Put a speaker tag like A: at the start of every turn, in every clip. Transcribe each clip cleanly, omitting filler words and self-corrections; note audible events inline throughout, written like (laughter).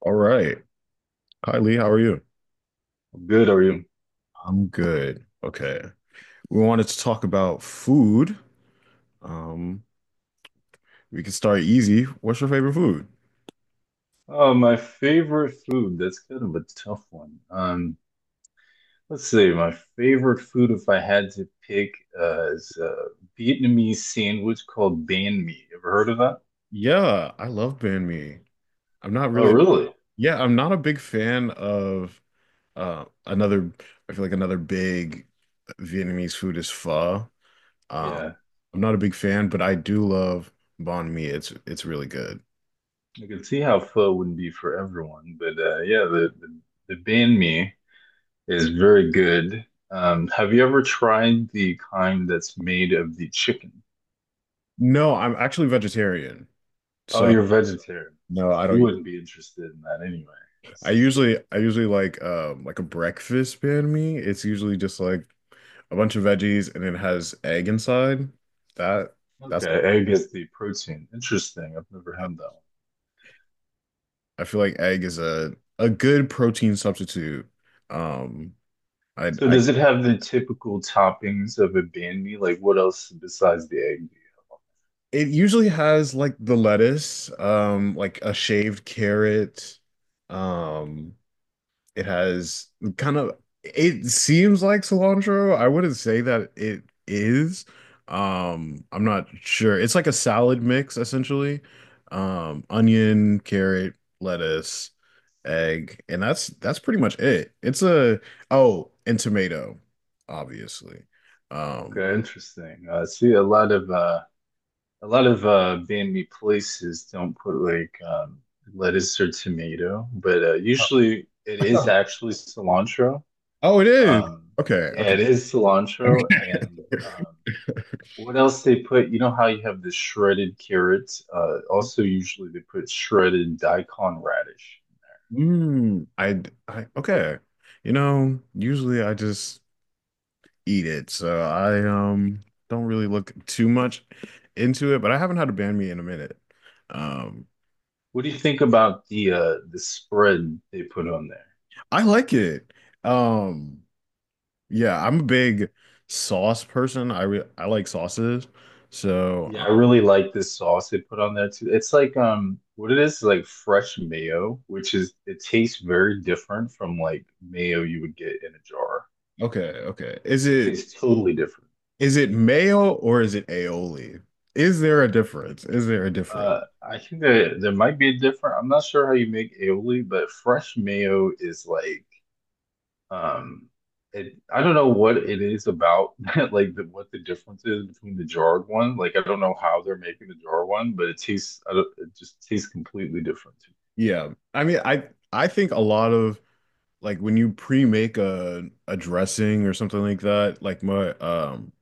A: All right. Hi, Lee. How are you?
B: Good, are you?
A: I'm good. Okay. We wanted to talk about food. Um, we can start easy. What's your favorite food?
B: Oh, my favorite food. That's kind of a tough one. Let's see. My favorite food, if I had to pick, is a Vietnamese sandwich called banh mi. Ever heard of that?
A: Yeah, I love banh mi. I'm not
B: Oh,
A: really,
B: really?
A: Yeah, I'm not a big fan of uh another, I feel like another big Vietnamese food is pho. Uh,
B: Yeah.
A: I'm not a big fan, but I do love banh mi. It's really good.
B: I can see how pho wouldn't be for everyone, but yeah, the banh mi is very good. Have you ever tried the kind that's made of the chicken?
A: No, I'm actually vegetarian.
B: Oh,
A: So
B: you're vegetarian,
A: no, I
B: so you
A: don't
B: wouldn't be interested in that anyway. I
A: I
B: see.
A: usually I usually like a breakfast banh mi. It's usually just like a bunch of veggies and it has egg inside. That
B: Okay,
A: that's
B: egg is the protein. Interesting. I've never had that one.
A: I feel like egg is a good protein substitute. Um
B: So
A: I
B: does it have the typical toppings of a banh mi? Like what else besides the egg?
A: It usually has like the lettuce, like a shaved carrot. Um It has kind of It seems like cilantro. I wouldn't say that it is. I'm not sure. It's like a salad mix essentially. Onion, carrot, lettuce, egg, and that's pretty much it. It's a Oh, and tomato, obviously. Um,
B: Okay, interesting. I see a lot of banh mi places don't put like lettuce or tomato, but uh,
A: (laughs)
B: usually it is
A: Oh.
B: actually cilantro.
A: Oh, it is.
B: Um
A: Okay,
B: yeah,
A: okay.
B: it is cilantro and um.
A: (laughs)
B: What else they put? You know how you have the shredded carrots? Also, usually they put shredded daikon radish.
A: Mm, I okay. You know, usually I just eat it. So I don't really look too much into it, but I haven't had a banh mi in a minute. Um,
B: What do you think about the spread they put on there?
A: I like it. Um, yeah, I'm a big sauce person. I like sauces. So
B: Yeah, I really like this sauce they put on there too. It's like what it is like fresh mayo, which is it tastes very different from like mayo you would get in a jar.
A: okay, okay.
B: It tastes totally different.
A: Is it mayo or is it aioli? Is there a difference? Is there a difference?
B: I think that there might be a different. I'm not sure how you make aioli, but fresh mayo is like, um, it, I don't know what it is about (laughs) that, like the, what the difference is between the jarred one. Like I don't know how they're making the jarred one, but it tastes, I don't, it just tastes completely different to me.
A: Yeah. I mean, I think a lot of like when you pre-make a dressing or something like that, like my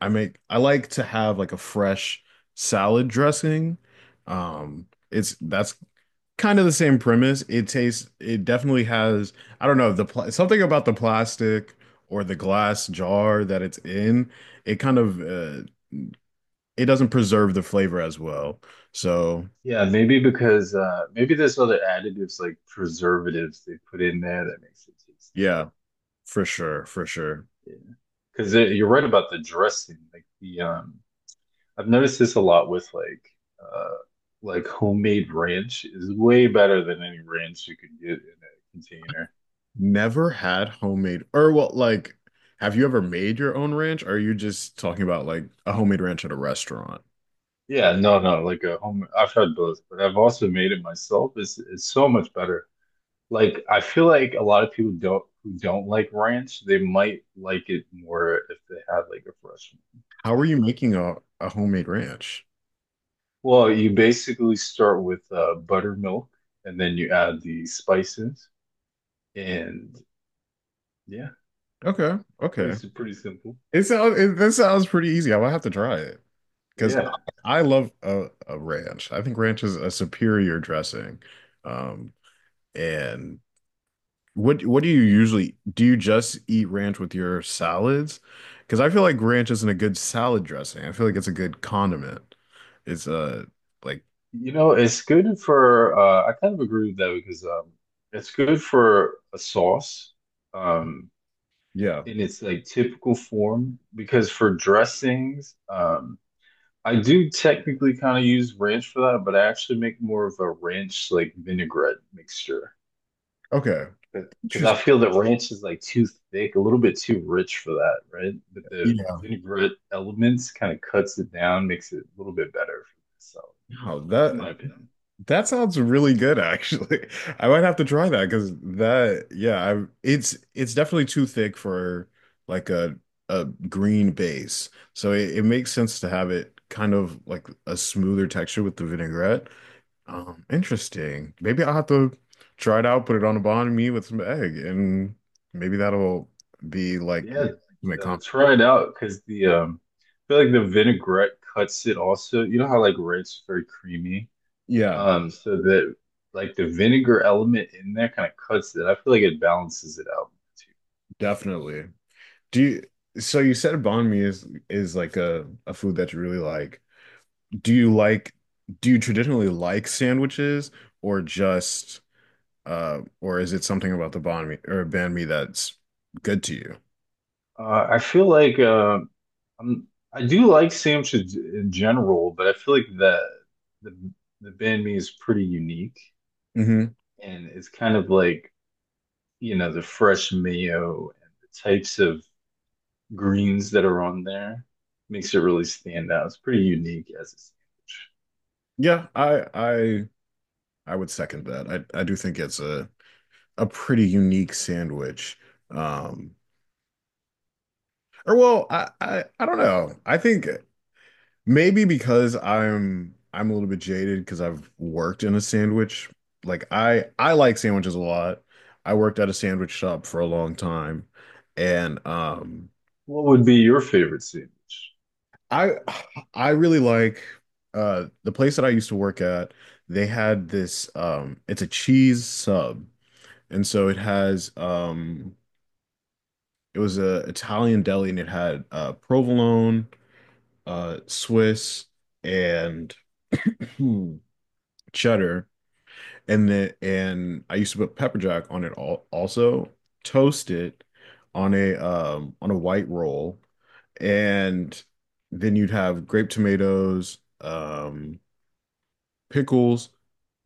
A: I like to have like a fresh salad dressing. It's That's kind of the same premise. It definitely has I don't know the pl something about the plastic or the glass jar that it's in. It kind of it doesn't preserve the flavor as well. So
B: Yeah, maybe because maybe there's other additives like preservatives they put in there that makes it taste
A: yeah, for sure, for sure.
B: different. Yeah, because you're right about the dressing, like the. I've noticed this a lot with uh like homemade ranch is way better than any ranch you can get in a container.
A: Never had homemade or have you ever made your own ranch? Or are you just talking about like a homemade ranch at a restaurant?
B: Yeah, no, no, like a home I've tried both, but I've also made it myself. It's so much better. Like I feel like a lot of people don't who don't like ranch, they might like it more if they had like a fresh one
A: How are you
B: made.
A: making a homemade ranch?
B: Well, you basically start with uh, buttermilk and then you add the spices and yeah,
A: Okay, okay.
B: pretty simple.
A: This sounds pretty easy. I will have to try it because
B: Yeah.
A: I love a ranch. I think ranch is a superior dressing. Um, and what do you usually do you just eat ranch with your salads? Because I feel like ranch isn't a good salad dressing. I feel like it's a good condiment. It's like
B: You know, it's good for uh, I kind of agree with that because um, it's good for a sauce um
A: Yeah.
B: in its like typical form because for dressings um, I do technically kind of use ranch for that, but I actually make more of a ranch like vinaigrette mixture
A: Okay.
B: because I
A: Interesting.
B: feel that ranch is like too thick, a little bit too rich for that, right? But the
A: Yeah.
B: vinaigrette elements kind of cuts it down, makes it a little bit better for myself,
A: Wow,
B: in
A: that
B: my opinion.
A: That sounds really good, actually. (laughs) I might have to try that because yeah, I it's definitely too thick for like a green base. So it makes sense to have it kind of like a smoother texture with the vinaigrette. Interesting. Maybe I'll have to try it out, put it on a banh mi with some egg, and maybe that'll be like
B: Yeah,
A: my comp.
B: try it out because the I feel like the vinaigrette cuts it also. You know how like red's very creamy,
A: Yeah,
B: so that like the vinegar element in there kind of cuts it. I feel like it balances it out.
A: definitely. Do you, so you said banh mi is like a food that you really like. Do you like do you traditionally like sandwiches or just or is it something about the banh mi or banh mi that's good to you?
B: I feel like I'm I do like sandwiches in general, but I feel like the the banh mi is pretty unique,
A: Hmm.
B: and it's kind of like you know the fresh mayo and the types of greens that are on there makes it really stand out. It's pretty unique as a sandwich.
A: Yeah, I would second that. I do think it's a pretty unique sandwich. Um or well, I don't know. I think Maybe because I'm a little bit jaded because I've worked in a sandwich. Like I like sandwiches a lot. I worked at a sandwich shop for a long time, and
B: What would be your favorite sandwich?
A: I I really like the place that I used to work at. They had this it's a cheese sub, and so it has it was a Italian deli and it had provolone, Swiss, and (clears throat) cheddar, and then and I used to put pepper jack on it all, also toast it on a white roll, and then you'd have grape tomatoes, um, pickles,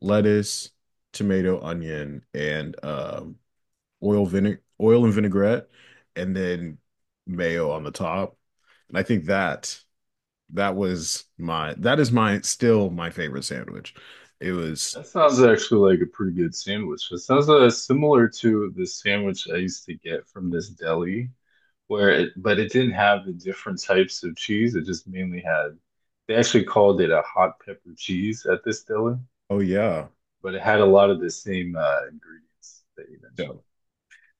A: lettuce, tomato, onion, and oil vinegar, oil and vinaigrette, and then mayo on the top. And I think that that was my that is my still my favorite sandwich. It was
B: That sounds actually like a pretty good sandwich. It sounds similar to the sandwich I used to get from this deli, where it, but it didn't have the different types of cheese. It just mainly had, they actually called it a hot pepper cheese at this deli,
A: Oh, yeah.
B: but it had a lot of the same ingredients that you
A: Yeah.
B: mentioned.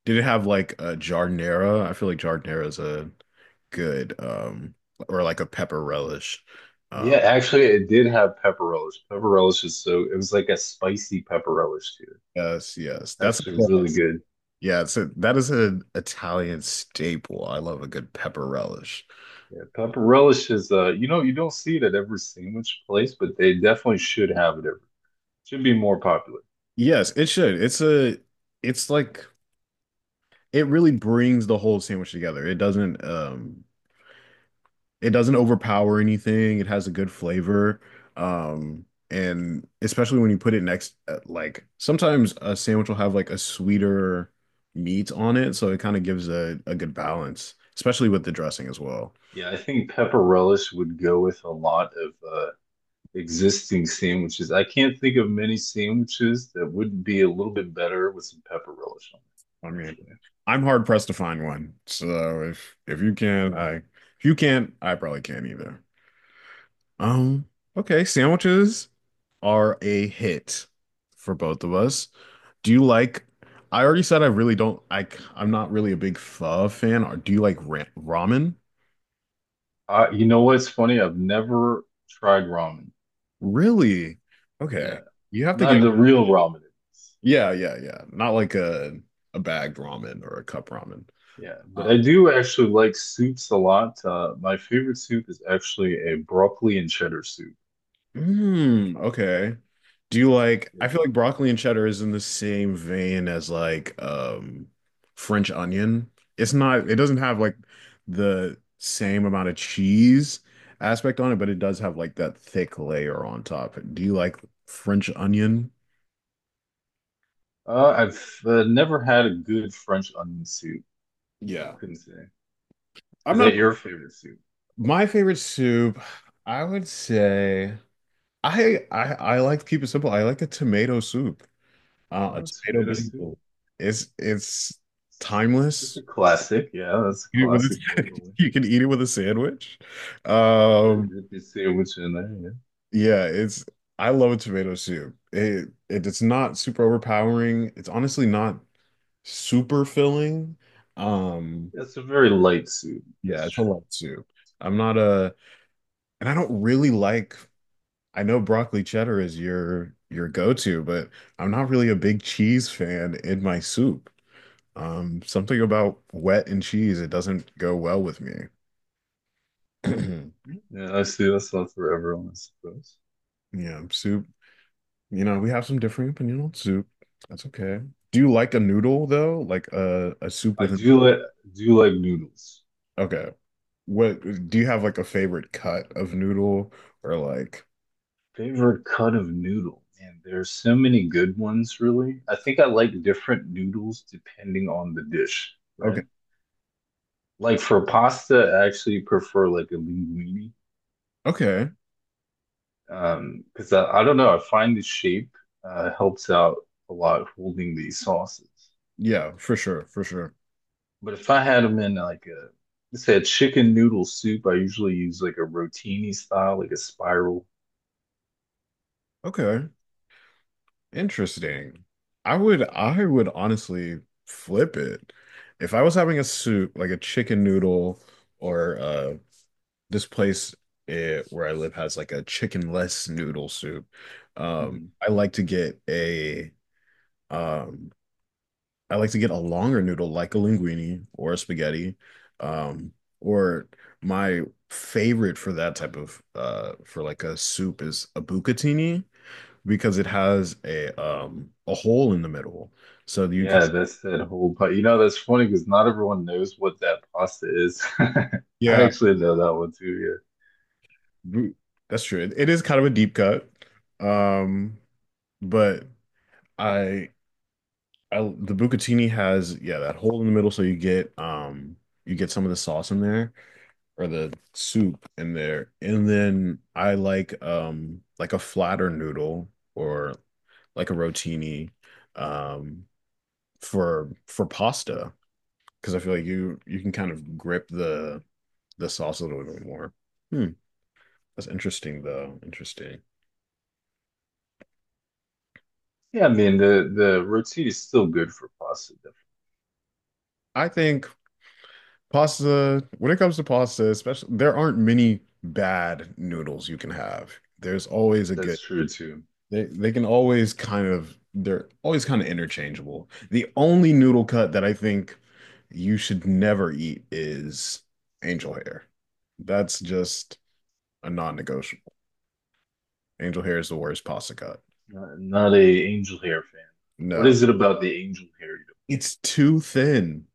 A: Did it have like a jardinera? I feel like jardinera is a good or like a pepper relish. Uh,
B: Yeah, actually, it did have pepperellis. Pepperellis is so it was like a spicy pepperellis too.
A: yes, yes. That's
B: Actually, really good.
A: Yeah, it's that is an Italian staple. I love a good pepper relish.
B: Yeah, pepperellis is you know, you don't see it at every sandwich place, but they definitely should have it every. Should be more popular.
A: Yes, it should. It's a it's like It really brings the whole sandwich together. It doesn't overpower anything. It has a good flavor. Um, and especially when you put it next, like sometimes a sandwich will have like a sweeter meat on it, so it kind of gives a good balance, especially with the dressing as well.
B: Yeah, I think pepperellis would go with a lot of existing sandwiches. I can't think of many sandwiches that would be a little bit better with some pepperellis on
A: I
B: it,
A: mean,
B: actually.
A: I'm hard pressed to find one. So if you can, I if you can't, I probably can't either. Um, okay, sandwiches are a hit for both of us. Do you like, I already said I really don't, I'm not really a big pho fan. Or do you like ra ramen?
B: You know what's funny? I've never tried ramen.
A: Really?
B: Yeah,
A: Okay. You have to
B: not
A: get,
B: the real ramen.
A: Yeah, yeah, yeah. Not like a bagged ramen or a cup ramen.
B: Yeah, but
A: Um,
B: I do actually like soups a lot. My favorite soup is actually a broccoli and cheddar soup.
A: Mm, okay. Do you like,
B: Yeah.
A: I feel like broccoli and cheddar is in the same vein as like French onion. It doesn't have like the same amount of cheese aspect on it, but it does have like that thick layer on top. Do you like French onion?
B: I've never had a good French onion soup.
A: Yeah.
B: Couldn't say.
A: I'm
B: Is
A: not,
B: that your favorite soup?
A: My favorite soup, I would say I like to keep it simple. I like a tomato soup. A
B: Oh,
A: tomato
B: tomato soup.
A: basil. It's
B: It's a
A: timeless.
B: classic. Yeah, that's a
A: Eat it with
B: classic,
A: a,
B: definitely.
A: (laughs) you can eat it with a sandwich. Um,
B: Yeah, dip your sandwich in there. Yeah.
A: yeah, it's I love a tomato soup. It's not super overpowering. It's honestly not super filling. Um,
B: Yeah, it's a very light soup.
A: yeah,
B: That's
A: it's a
B: true.
A: lot of soup. I'm not a and I don't really like I know broccoli cheddar is your go-to, but I'm not really a big cheese fan in my soup. Something about wet and cheese, it doesn't go well with me. (clears throat)
B: Yeah, I see. That's not for everyone, I suppose.
A: Yeah, soup. You know, we have some differing opinion on soup. That's okay. Do you like a noodle though? Like a soup
B: I
A: with an
B: do like noodles.
A: okay. What do you have like a favorite cut of noodle or like
B: Favorite cut of noodle. Man, there's so many good ones, really. I think I like different noodles depending on the dish,
A: okay.
B: right? Like for pasta, I actually prefer like a linguine.
A: Okay.
B: Because I don't know, I find the shape helps out a lot holding these sauces.
A: Yeah, for sure, for sure.
B: But if I had them in like a let's say a chicken noodle soup, I usually use like a rotini style, like a spiral.
A: Okay. Interesting. I would honestly flip it. If I was having a soup, like a chicken noodle or this place where I live has like a chickenless noodle soup. Um,
B: Mhm.
A: I like to get a Um, I like to get a longer noodle like a linguine or a spaghetti. Um, or My favorite for that type of for like a soup is a bucatini because it has a hole in the middle. So you can,
B: Yeah, that's that whole part. You know, that's funny because not everyone knows what that pasta is. (laughs) I
A: yeah,
B: actually know that one too.
A: bu- that's true. It is kind of a deep cut. Um, but I I the bucatini has yeah, that hole in the middle so you get some of the sauce in there or the soup in there. And then I like a flatter noodle or like a rotini um for pasta because I feel like you can kind of grip the sauce a little bit more. Hmm, that's interesting though. Interesting.
B: Yeah, yeah. I mean, the roti is still good for pasta.
A: I think pasta when it comes to pasta, especially there aren't many bad noodles you can have. There's always a good
B: That's true too.
A: They can always kind of they're always kind of interchangeable. The only noodle cut that I think you should never eat is angel hair. That's just a non-negotiable. Angel hair is the worst pasta cut.
B: Not, not a angel hair fan. What
A: No.
B: is it about the angel hair? You
A: It's too thin.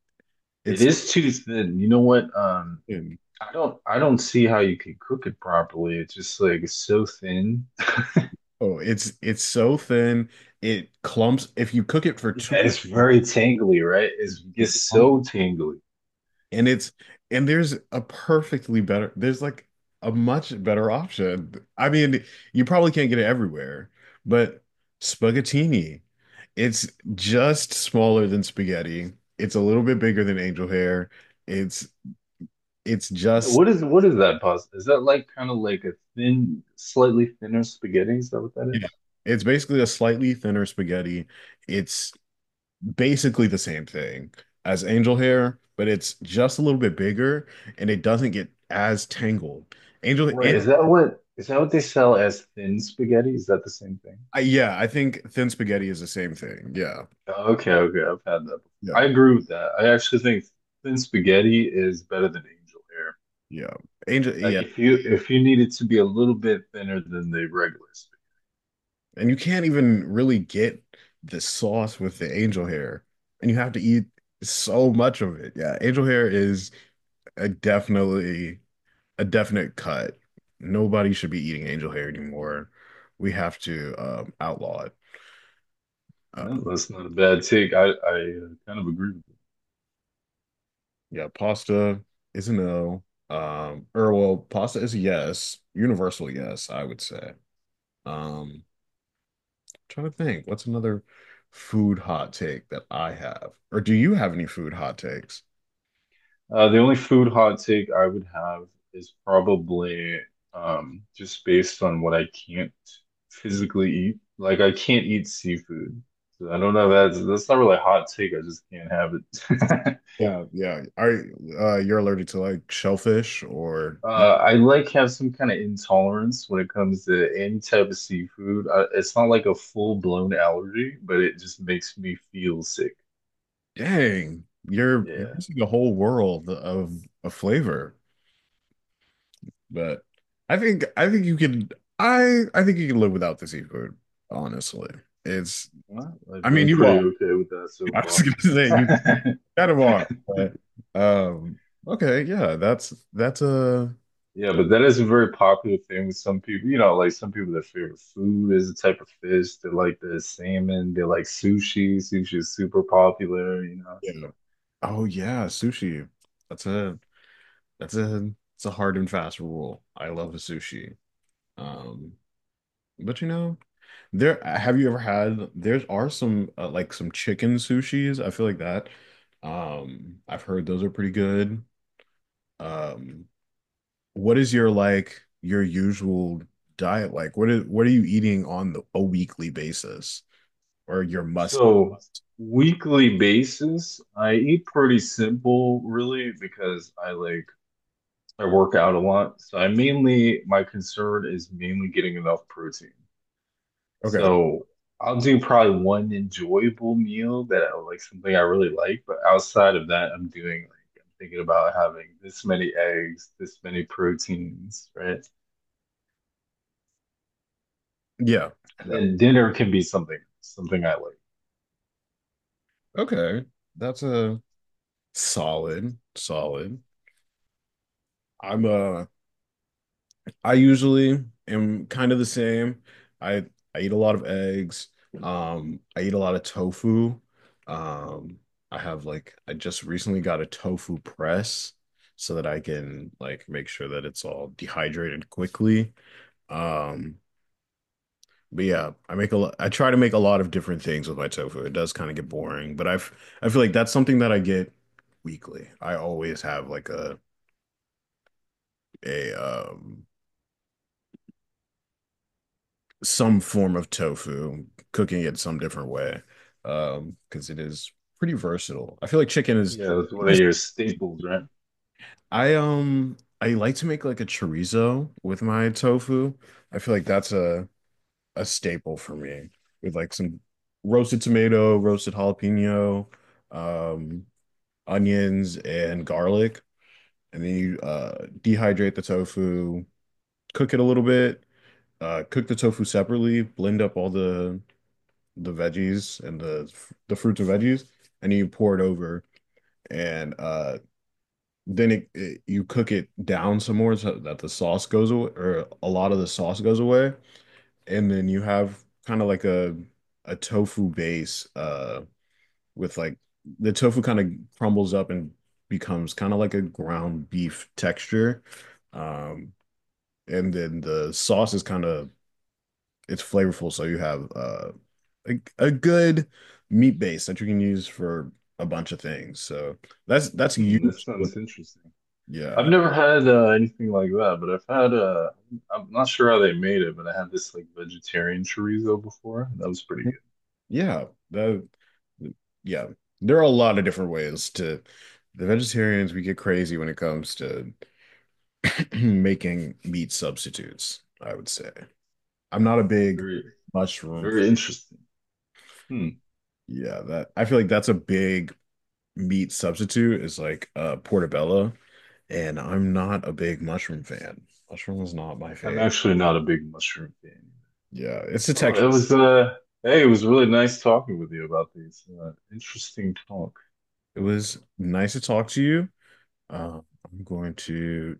B: know? It
A: It's
B: is too thin. You know what?
A: thin.
B: I don't see how you can cook it properly. It's just like it's so thin. (laughs)
A: Oh, it's so thin. It clumps. If you cook it for
B: Yeah,
A: too,
B: it's very tangly, right? It's, it
A: it's
B: gets
A: clumpy.
B: so tangly.
A: And it's and there's a perfectly better there's like a much better option. I mean, you probably can't get it everywhere, but spaghettini. It's just smaller than spaghetti. It's a little bit bigger than angel hair. It's it's
B: Yeah,
A: just
B: what is that pasta? Is that like kind of like a thin, slightly thinner spaghetti? Is that what that
A: yeah.
B: is?
A: It's basically a slightly thinner spaghetti. It's basically the same thing as angel hair, but it's just a little bit bigger and it doesn't get as tangled. Angel
B: Right. Is yeah, that what is that what they sell as thin spaghetti? Is that the same thing?
A: yeah, I think thin spaghetti is the same thing. Yeah,
B: Oh, okay, okay, I've had that before. I
A: yeah,
B: agree with that. I actually think thin spaghetti is better than angel hair.
A: yeah. Angel, yeah,
B: Like if you need it to be a little bit thinner than the regular spaghetti.
A: and you can't even really get the sauce with the angel hair, and you have to eat so much of it. Yeah, angel hair is a definitely a definite cut. Nobody should be eating angel hair anymore. We have to outlaw it. Uh,
B: No, that's not a bad take. I kind of agree with.
A: yeah, pasta is a no. Pasta is a yes, universal yes, I would say. Um, trying to think, what's another food hot take that I have? Or do you have any food hot takes?
B: The only food hot take I would have is probably just based on what I can't physically eat. Like I can't eat seafood. So I don't know. That's not really a hot take. I just can't have it. (laughs)
A: Yeah, yeah. Are you're allergic to like shellfish or you,
B: I like have some kind of intolerance when it comes to any type of seafood. It's not like a full-blown allergy, but it just makes me feel sick.
A: dang, you're
B: Yeah.
A: missing a whole world of a flavor. But I think you can I think you can live without the seafood, honestly. It's
B: Well,
A: I
B: I've
A: mean
B: done
A: you are.
B: pretty okay with that
A: (laughs)
B: so
A: I was
B: far.
A: gonna say you
B: (laughs)
A: kind of are, but um okay, yeah, that's a
B: Yeah, but that is a very popular thing with some people. You know, like some people, their favorite food is a type of fish. They like the salmon. They like sushi. Sushi is super popular, you know.
A: Yeah. Oh yeah, sushi. That's a that's a it's a hard and fast rule. I love a sushi. Um, but you know, there have you ever had there are some like some chicken sushis. I feel like that. I've heard those are pretty good. Um, what is your like your usual diet like? What is what are you eating on the, a weekly basis or your must?
B: So, weekly basis, I eat pretty simple, really, because I like I work out a lot. So I mainly my concern is mainly getting enough protein.
A: Okay.
B: So I'll do probably one enjoyable meal that I like something I really like, but outside of that, I'm doing like I'm thinking about having this many eggs, this many proteins, right?
A: Yeah.
B: And
A: Yeah.
B: then dinner can be something, something I like.
A: Okay. That's a solid, solid. I'm uh I usually am kind of the same. I I eat a lot of eggs. I eat a lot of tofu. Um, I have like I just recently got a tofu press so that I can like make sure that it's all dehydrated quickly. Um, but yeah, I try to make a lot of different things with my tofu. It does kind of get boring, but I've I feel like that's something that I get weekly. I always have like a some form of tofu, cooking it some different way, because it is pretty versatile. I feel like chicken is.
B: You know, it's one of
A: Yes.
B: your staples, right?
A: I like to make like a chorizo with my tofu. I feel like that's a staple for me with like some roasted tomato, roasted jalapeno, um, onions and garlic, and then you dehydrate the tofu, cook it a little bit, cook the tofu separately, blend up all the veggies and the fruits and veggies, and you pour it over, and then it you cook it down some more so that the sauce goes away, or a lot of the sauce goes away, and then you have kind of like a tofu base with like the tofu kind of crumbles up and becomes kind of like a ground beef texture. Um, and then the sauce is kind of it's flavorful, so you have a good meat base that you can use for a bunch of things. So that's
B: Hmm, this
A: used with
B: sounds interesting. I've
A: yeah.
B: never had anything like that, but I've had I'm not sure how they made it, but I had this like vegetarian chorizo before, and that was pretty good.
A: Yeah. That Yeah. There are a lot of different ways to the vegetarians we get crazy when it comes to (clears throat) making meat substitutes, I would say. I'm not a big
B: Very,
A: mushroom.
B: very interesting. Hmm.
A: Yeah, that I feel like that's a big meat substitute is like portobello. And I'm not a big mushroom fan. Mushroom was not my
B: I'm
A: fave.
B: actually not a big mushroom fan.
A: Yeah, it's a
B: Well,
A: texture.
B: it was hey, it was really nice talking with you about these interesting talk.
A: It was nice to talk to you. Uh, I'm going to